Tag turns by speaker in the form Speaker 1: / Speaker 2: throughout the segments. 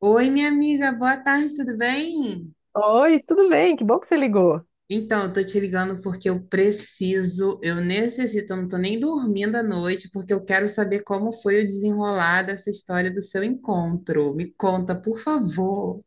Speaker 1: Oi, minha amiga, boa tarde, tudo bem?
Speaker 2: Oi, tudo bem? Que bom que você ligou.
Speaker 1: Então, eu tô te ligando porque eu preciso, eu necessito, eu não tô nem dormindo à noite, porque eu quero saber como foi o desenrolar dessa história do seu encontro. Me conta, por favor.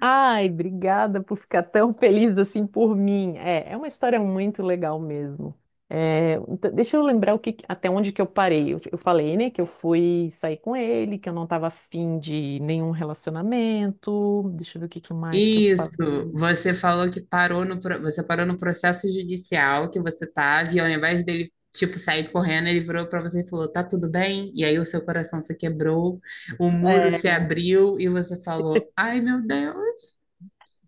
Speaker 2: Ai, obrigada por ficar tão feliz assim por mim. É uma história muito legal mesmo. É, então, deixa eu lembrar o que, até onde que eu parei. Eu falei, né, que eu fui sair com ele, que eu não estava afim de nenhum relacionamento. Deixa eu ver o que, que mais que eu
Speaker 1: Isso,
Speaker 2: falei.
Speaker 1: você falou que parou no, você parou no processo judicial que você tava, e ao invés dele, tipo, sair correndo, ele virou pra você e falou, tá tudo bem? E aí o seu coração se quebrou, o muro
Speaker 2: É,
Speaker 1: se abriu e você falou, ai, meu Deus.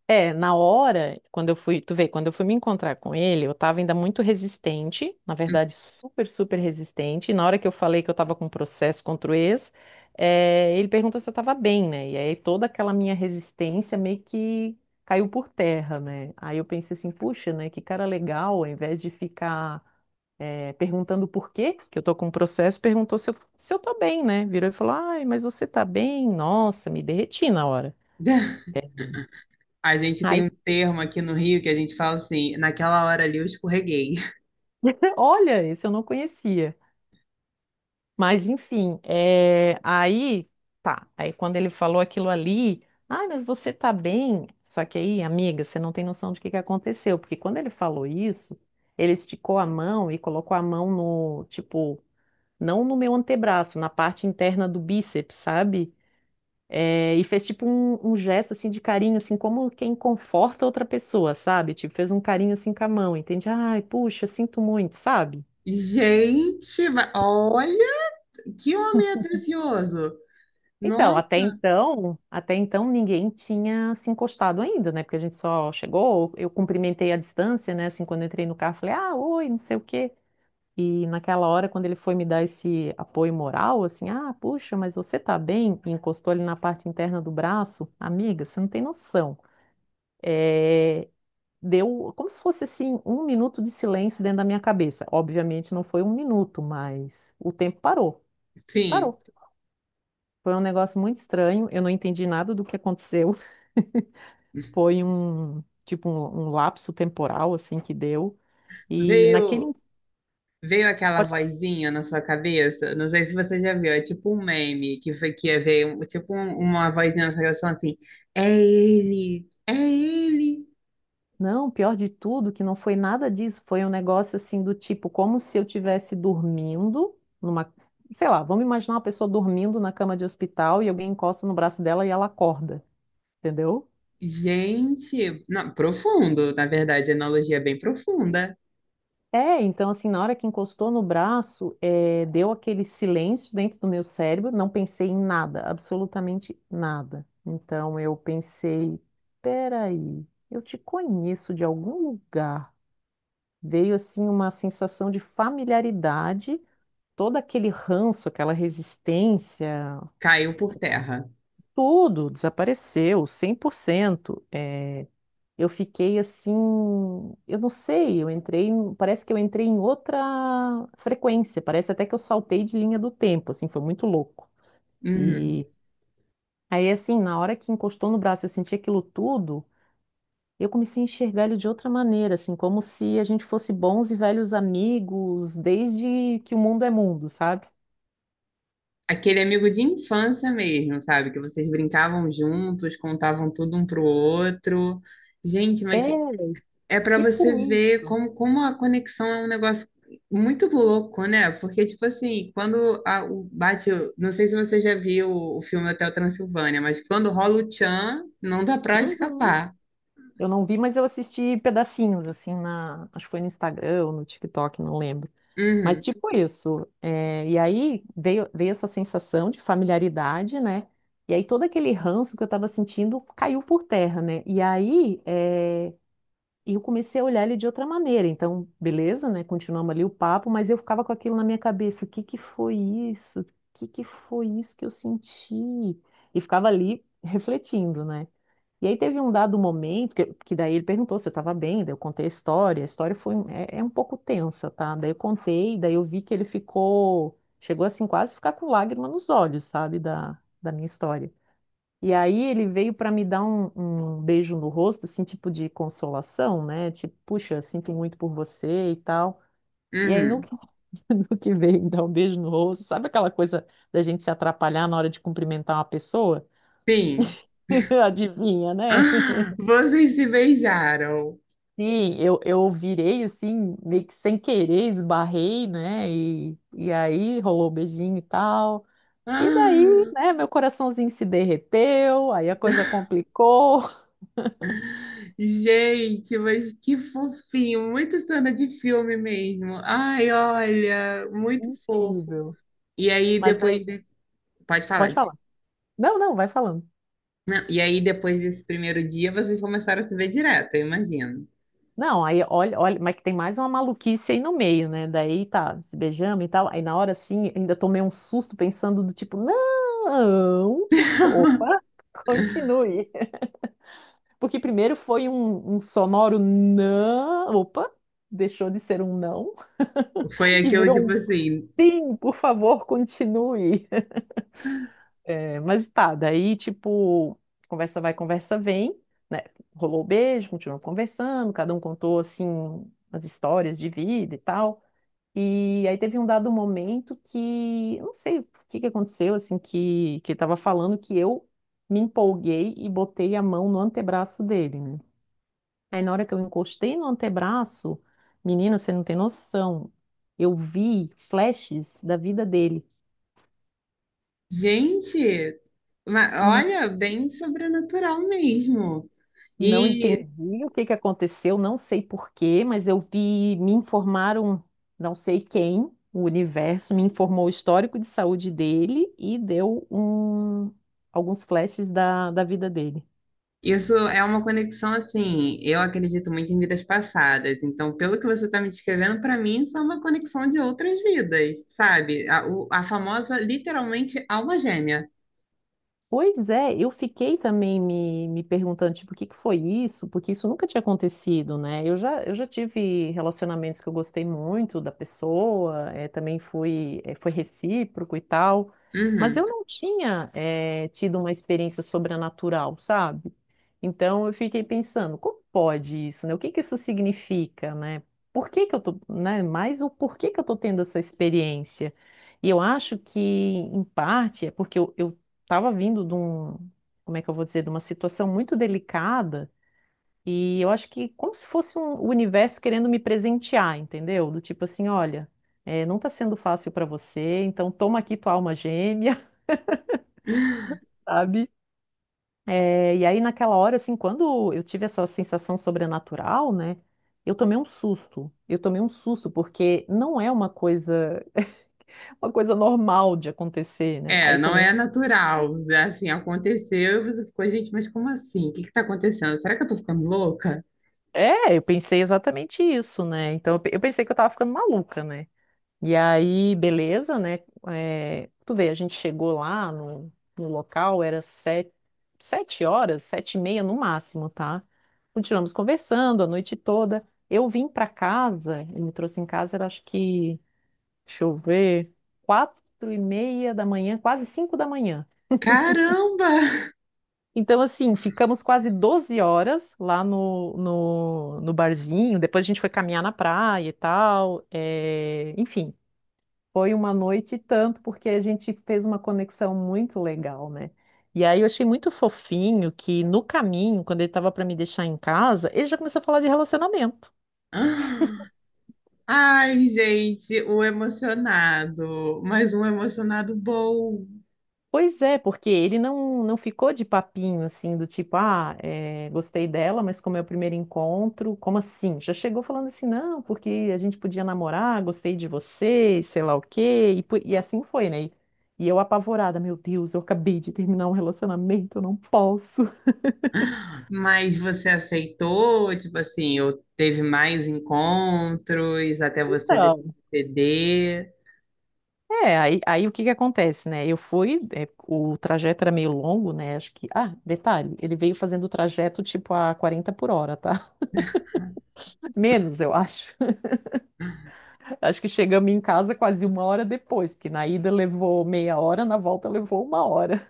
Speaker 2: é, na hora, quando eu fui, tu vê, quando eu fui me encontrar com ele, eu tava ainda muito resistente, na verdade, super resistente. E na hora que eu falei que eu tava com um processo contra o ex, ele perguntou se eu tava bem, né? E aí toda aquela minha resistência meio que caiu por terra, né? Aí eu pensei assim, puxa, né? Que cara legal, ao invés de ficar, perguntando por quê que eu tô com um processo, perguntou se eu tô bem, né? Virou e falou, ai, mas você tá bem? Nossa, me derreti na hora.
Speaker 1: A gente tem um
Speaker 2: Aí
Speaker 1: termo aqui no Rio que a gente fala assim, naquela hora ali eu escorreguei.
Speaker 2: olha, esse eu não conhecia. Mas enfim, é, aí tá. Aí quando ele falou aquilo ali, ai, mas você tá bem? Só que aí, amiga, você não tem noção do que aconteceu, porque quando ele falou isso, ele esticou a mão e colocou a mão no, tipo, não no meu antebraço, na parte interna do bíceps, sabe? É, e fez tipo um gesto assim de carinho, assim como quem conforta outra pessoa, sabe? Tipo, fez um carinho assim com a mão, entende? Ai, puxa, sinto muito, sabe?
Speaker 1: Gente, olha que homem atencioso.
Speaker 2: Então,
Speaker 1: Nossa,
Speaker 2: até então ninguém tinha se encostado ainda, né? Porque a gente só chegou, eu cumprimentei à distância, né? Assim, quando eu entrei no carro, falei, ah, oi, não sei o quê. E naquela hora, quando ele foi me dar esse apoio moral, assim, ah, puxa, mas você tá bem? E encostou ali na parte interna do braço, amiga, você não tem noção. É, deu como se fosse assim um minuto de silêncio dentro da minha cabeça. Obviamente não foi um minuto, mas o tempo parou,
Speaker 1: sim.
Speaker 2: parou. Foi um negócio muito estranho, eu não entendi nada do que aconteceu. Foi um, tipo, um lapso temporal, assim, que deu. E
Speaker 1: Veio veio aquela
Speaker 2: pode falar.
Speaker 1: vozinha na sua cabeça, não sei se você já viu, é tipo um meme que foi que é, veio, uma vozinha na sua cabeça falando assim: "É ele, é ele".
Speaker 2: Não, pior de tudo, que não foi nada disso. Foi um negócio, assim, do tipo, como se eu estivesse dormindo numa. Sei lá, vamos imaginar uma pessoa dormindo na cama de hospital e alguém encosta no braço dela e ela acorda, entendeu?
Speaker 1: Gente, não, profundo, na verdade, a analogia é bem profunda.
Speaker 2: É, então assim, na hora que encostou no braço, deu aquele silêncio dentro do meu cérebro, não pensei em nada, absolutamente nada. Então eu pensei, peraí, eu te conheço de algum lugar. Veio assim uma sensação de familiaridade, todo aquele ranço, aquela resistência,
Speaker 1: Caiu por terra.
Speaker 2: tudo desapareceu, 100%. Eu fiquei assim, eu não sei, parece que eu entrei em outra frequência, parece até que eu saltei de linha do tempo, assim, foi muito louco.
Speaker 1: Uhum.
Speaker 2: E aí assim, na hora que encostou no braço, eu senti aquilo tudo, eu comecei a enxergar ele de outra maneira, assim, como se a gente fosse bons e velhos amigos desde que o mundo é mundo, sabe?
Speaker 1: Aquele amigo de infância mesmo, sabe? Que vocês brincavam juntos, contavam tudo um pro outro. Gente, mas
Speaker 2: É
Speaker 1: é para você
Speaker 2: tipo
Speaker 1: ver
Speaker 2: isso.
Speaker 1: como, como a conexão é um negócio muito louco, né? Porque, tipo assim, o bate. Não sei se você já viu o filme Hotel Transilvânia, mas quando rola o tchan, não dá pra
Speaker 2: Uhum.
Speaker 1: escapar.
Speaker 2: Eu não vi, mas eu assisti pedacinhos, assim, na, acho que foi no Instagram ou no TikTok, não lembro. Mas
Speaker 1: Uhum,
Speaker 2: tipo isso, é, e aí veio essa sensação de familiaridade, né? E aí todo aquele ranço que eu estava sentindo caiu por terra, né? E aí é, eu comecei a olhar ele de outra maneira. Então, beleza, né? Continuamos ali o papo, mas eu ficava com aquilo na minha cabeça. O que que foi isso? O que que foi isso que eu senti? E ficava ali refletindo, né? E aí teve um dado momento que daí ele perguntou se eu estava bem, daí eu contei a história. A história foi é, é um pouco tensa, tá? Daí eu contei, daí eu vi que ele ficou, chegou assim quase a ficar com lágrima nos olhos, sabe, da minha história. E aí ele veio para me dar um beijo no rosto, assim, tipo de consolação, né? Tipo, puxa, sinto muito por você e tal. E aí no
Speaker 1: uhum.
Speaker 2: que, no que veio me dar um beijo no rosto, sabe aquela coisa da gente se atrapalhar na hora de cumprimentar uma pessoa?
Speaker 1: Sim.
Speaker 2: Adivinha, né?
Speaker 1: Ah, vocês se beijaram.
Speaker 2: Sim, eu virei assim, meio que sem querer, esbarrei, né? E aí rolou beijinho e tal. E daí,
Speaker 1: Ah.
Speaker 2: né, meu coraçãozinho se derreteu, aí a coisa complicou.
Speaker 1: Gente, mas que fofinho, muito cena de filme mesmo. Ai, olha, muito fofo.
Speaker 2: Incrível.
Speaker 1: E aí
Speaker 2: Mas daí,
Speaker 1: depois desse... Pode falar,
Speaker 2: pode
Speaker 1: Di.
Speaker 2: falar. Não, não, vai falando.
Speaker 1: Não, e aí depois desse primeiro dia, vocês começaram a se ver direto, eu imagino.
Speaker 2: Não, aí olha, mas que tem mais uma maluquice aí no meio, né? Daí tá, se beijamos e tal. Aí na hora assim, ainda tomei um susto pensando do tipo, não, opa, continue. Porque primeiro foi um, sonoro não. Opa, deixou de ser um não
Speaker 1: Foi
Speaker 2: e
Speaker 1: aquilo
Speaker 2: virou
Speaker 1: tipo
Speaker 2: um
Speaker 1: assim,
Speaker 2: sim, por favor, continue. É, mas tá, daí tipo, conversa vai, conversa vem, né? Rolou o beijo, continuou conversando, cada um contou assim as histórias de vida e tal. E aí teve um dado momento que, eu não sei o que que aconteceu, assim, que ele tava falando que eu me empolguei e botei a mão no antebraço dele, né? Aí na hora que eu encostei no antebraço, menina, você não tem noção. Eu vi flashes da vida dele.
Speaker 1: gente,
Speaker 2: Hum,
Speaker 1: olha, bem sobrenatural mesmo.
Speaker 2: Não entendi o que que aconteceu, não sei por quê, mas eu vi, me informaram, não sei quem, o universo me informou o histórico de saúde dele e deu um, alguns flashes da vida dele.
Speaker 1: Isso é uma conexão assim. Eu acredito muito em vidas passadas. Então, pelo que você está me descrevendo, para mim, isso é uma conexão de outras vidas, sabe? A famosa, literalmente, alma gêmea.
Speaker 2: Pois é, eu fiquei também me perguntando, tipo, o que que foi isso? Porque isso nunca tinha acontecido, né? Eu já tive relacionamentos que eu gostei muito da pessoa, também fui, foi recíproco e tal, mas
Speaker 1: Uhum.
Speaker 2: eu não tinha, tido uma experiência sobrenatural, sabe? Então eu fiquei pensando, como pode isso, né? O que que isso significa, né? Por que que eu tô, né? Mais o porquê que eu tô tendo essa experiência? E eu acho que, em parte, é porque eu tava vindo de um, como é que eu vou dizer, de uma situação muito delicada, e eu acho que como se fosse um, o universo querendo me presentear, entendeu? Do tipo assim, olha, não tá sendo fácil para você, então toma aqui tua alma gêmea, sabe? É, e aí, naquela hora, assim, quando eu tive essa sensação sobrenatural, né? Eu tomei um susto. Eu tomei um susto, porque não é uma coisa, uma coisa normal de acontecer, né?
Speaker 1: É,
Speaker 2: Aí
Speaker 1: não
Speaker 2: tomei um.
Speaker 1: é natural. Assim, aconteceu e você ficou, gente, mas como assim? O que está acontecendo? Será que eu tô ficando louca?
Speaker 2: É, eu pensei exatamente isso, né? Então, eu pensei que eu tava ficando maluca, né? E aí, beleza, né? É, tu vê, a gente chegou lá no local, era sete, 7 horas, 7 e meia no máximo, tá? Continuamos conversando a noite toda. Eu vim pra casa, ele me trouxe em casa, era acho que, deixa eu ver, 4 e meia da manhã, quase 5 da manhã.
Speaker 1: Caramba!
Speaker 2: Então, assim, ficamos quase 12 horas lá no, no barzinho. Depois a gente foi caminhar na praia e tal. É, enfim, foi uma noite e tanto, porque a gente fez uma conexão muito legal, né? E aí eu achei muito fofinho que no caminho, quando ele estava para me deixar em casa, ele já começou a falar de relacionamento.
Speaker 1: Ai, gente, o emocionado. Mais um emocionado bom.
Speaker 2: Pois é, porque ele não ficou de papinho assim, do tipo, ah, é, gostei dela, mas como é o primeiro encontro, como assim? Já chegou falando assim, não, porque a gente podia namorar, gostei de você, sei lá o quê, e, e assim foi, né? E eu apavorada, meu Deus, eu acabei de terminar um relacionamento, eu não posso.
Speaker 1: Mas você aceitou? Tipo assim, ou teve mais encontros até você decidir ceder?
Speaker 2: É, aí o que que acontece, né? Eu fui, é, o trajeto era meio longo, né? Acho que. Ah, detalhe, ele veio fazendo o trajeto tipo a 40 por hora, tá? Menos, eu acho. Acho que chegamos em casa quase uma hora depois, porque na ida levou meia hora, na volta levou uma hora.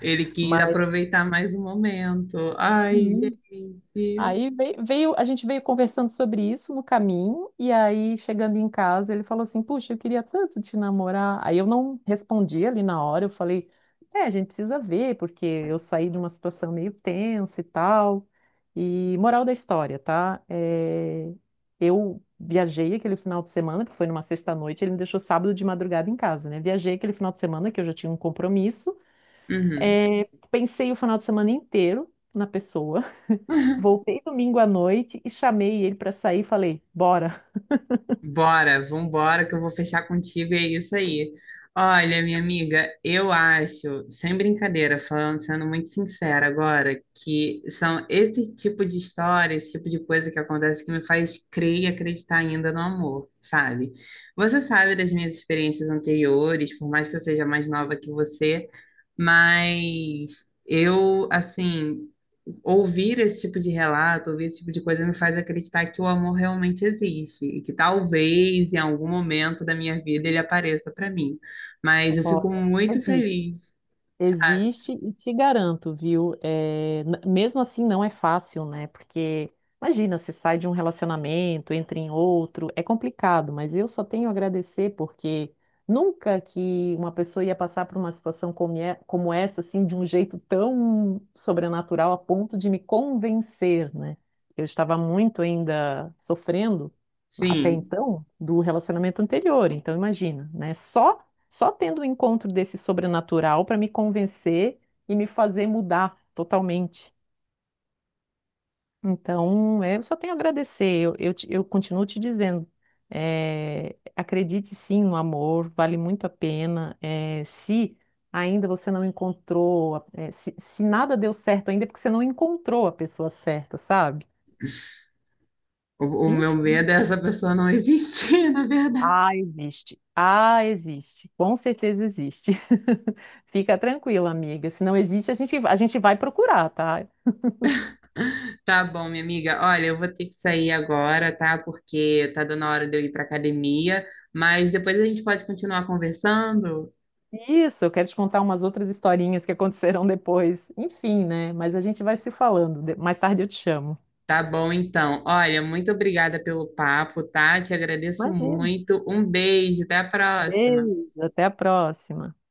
Speaker 1: Ele quis
Speaker 2: Mas.
Speaker 1: aproveitar mais o momento. Ai,
Speaker 2: Uhum.
Speaker 1: gente.
Speaker 2: Aí veio, a gente veio conversando sobre isso no caminho, e aí chegando em casa, ele falou assim: puxa, eu queria tanto te namorar. Aí eu não respondi ali na hora, eu falei: é, a gente precisa ver, porque eu saí de uma situação meio tensa e tal. E moral da história, tá? É, eu viajei aquele final de semana, que foi numa sexta-noite, ele me deixou sábado de madrugada em casa, né? Viajei aquele final de semana, que eu já tinha um compromisso.
Speaker 1: Uhum.
Speaker 2: É, pensei o final de semana inteiro na pessoa. Voltei domingo à noite e chamei ele para sair e falei: bora,
Speaker 1: Bora, vambora, que eu vou fechar contigo, e é isso aí. Olha, minha amiga, eu acho, sem brincadeira, falando, sendo muito sincera agora, que são esse tipo de história, esse tipo de coisa que acontece que me faz crer e acreditar ainda no amor, sabe? Você sabe das minhas experiências anteriores, por mais que eu seja mais nova que você, mas eu, assim, ouvir esse tipo de relato, ouvir esse tipo de coisa me faz acreditar que o amor realmente existe e que talvez em algum momento da minha vida ele apareça para mim. Mas eu fico
Speaker 2: bora,
Speaker 1: muito
Speaker 2: existe.
Speaker 1: feliz, sabe?
Speaker 2: Existe e te garanto, viu? É, mesmo assim não é fácil, né? Porque imagina, você sai de um relacionamento, entra em outro, é complicado, mas eu só tenho a agradecer porque nunca que uma pessoa ia passar por uma situação como, como essa, assim, de um jeito tão sobrenatural a ponto de me convencer, né? Eu estava muito ainda sofrendo até
Speaker 1: Sim.
Speaker 2: então do relacionamento anterior, então imagina, né? Só tendo o encontro desse sobrenatural para me convencer e me fazer mudar totalmente. Então, é, eu só tenho a agradecer. Eu, eu continuo te dizendo, é, acredite sim no amor, vale muito a pena. É, se ainda você não encontrou, é, se nada deu certo ainda, é porque você não encontrou a pessoa certa, sabe?
Speaker 1: O meu
Speaker 2: Enfim.
Speaker 1: medo é essa pessoa não existir, na verdade.
Speaker 2: Ah, existe. Ah, existe. Com certeza existe. Fica tranquila, amiga. Se não existe, a gente vai procurar, tá?
Speaker 1: Tá bom, minha amiga. Olha, eu vou ter que sair agora, tá? Porque tá dando a hora de eu ir para academia, mas depois a gente pode continuar conversando.
Speaker 2: Isso, eu quero te contar umas outras historinhas que aconteceram depois. Enfim, né? Mas a gente vai se falando. De- mais tarde eu te chamo.
Speaker 1: Tá bom, então. Olha, muito obrigada pelo papo, tá? Te agradeço
Speaker 2: Imagina.
Speaker 1: muito. Um beijo, até a próxima.
Speaker 2: Beijo, até a próxima.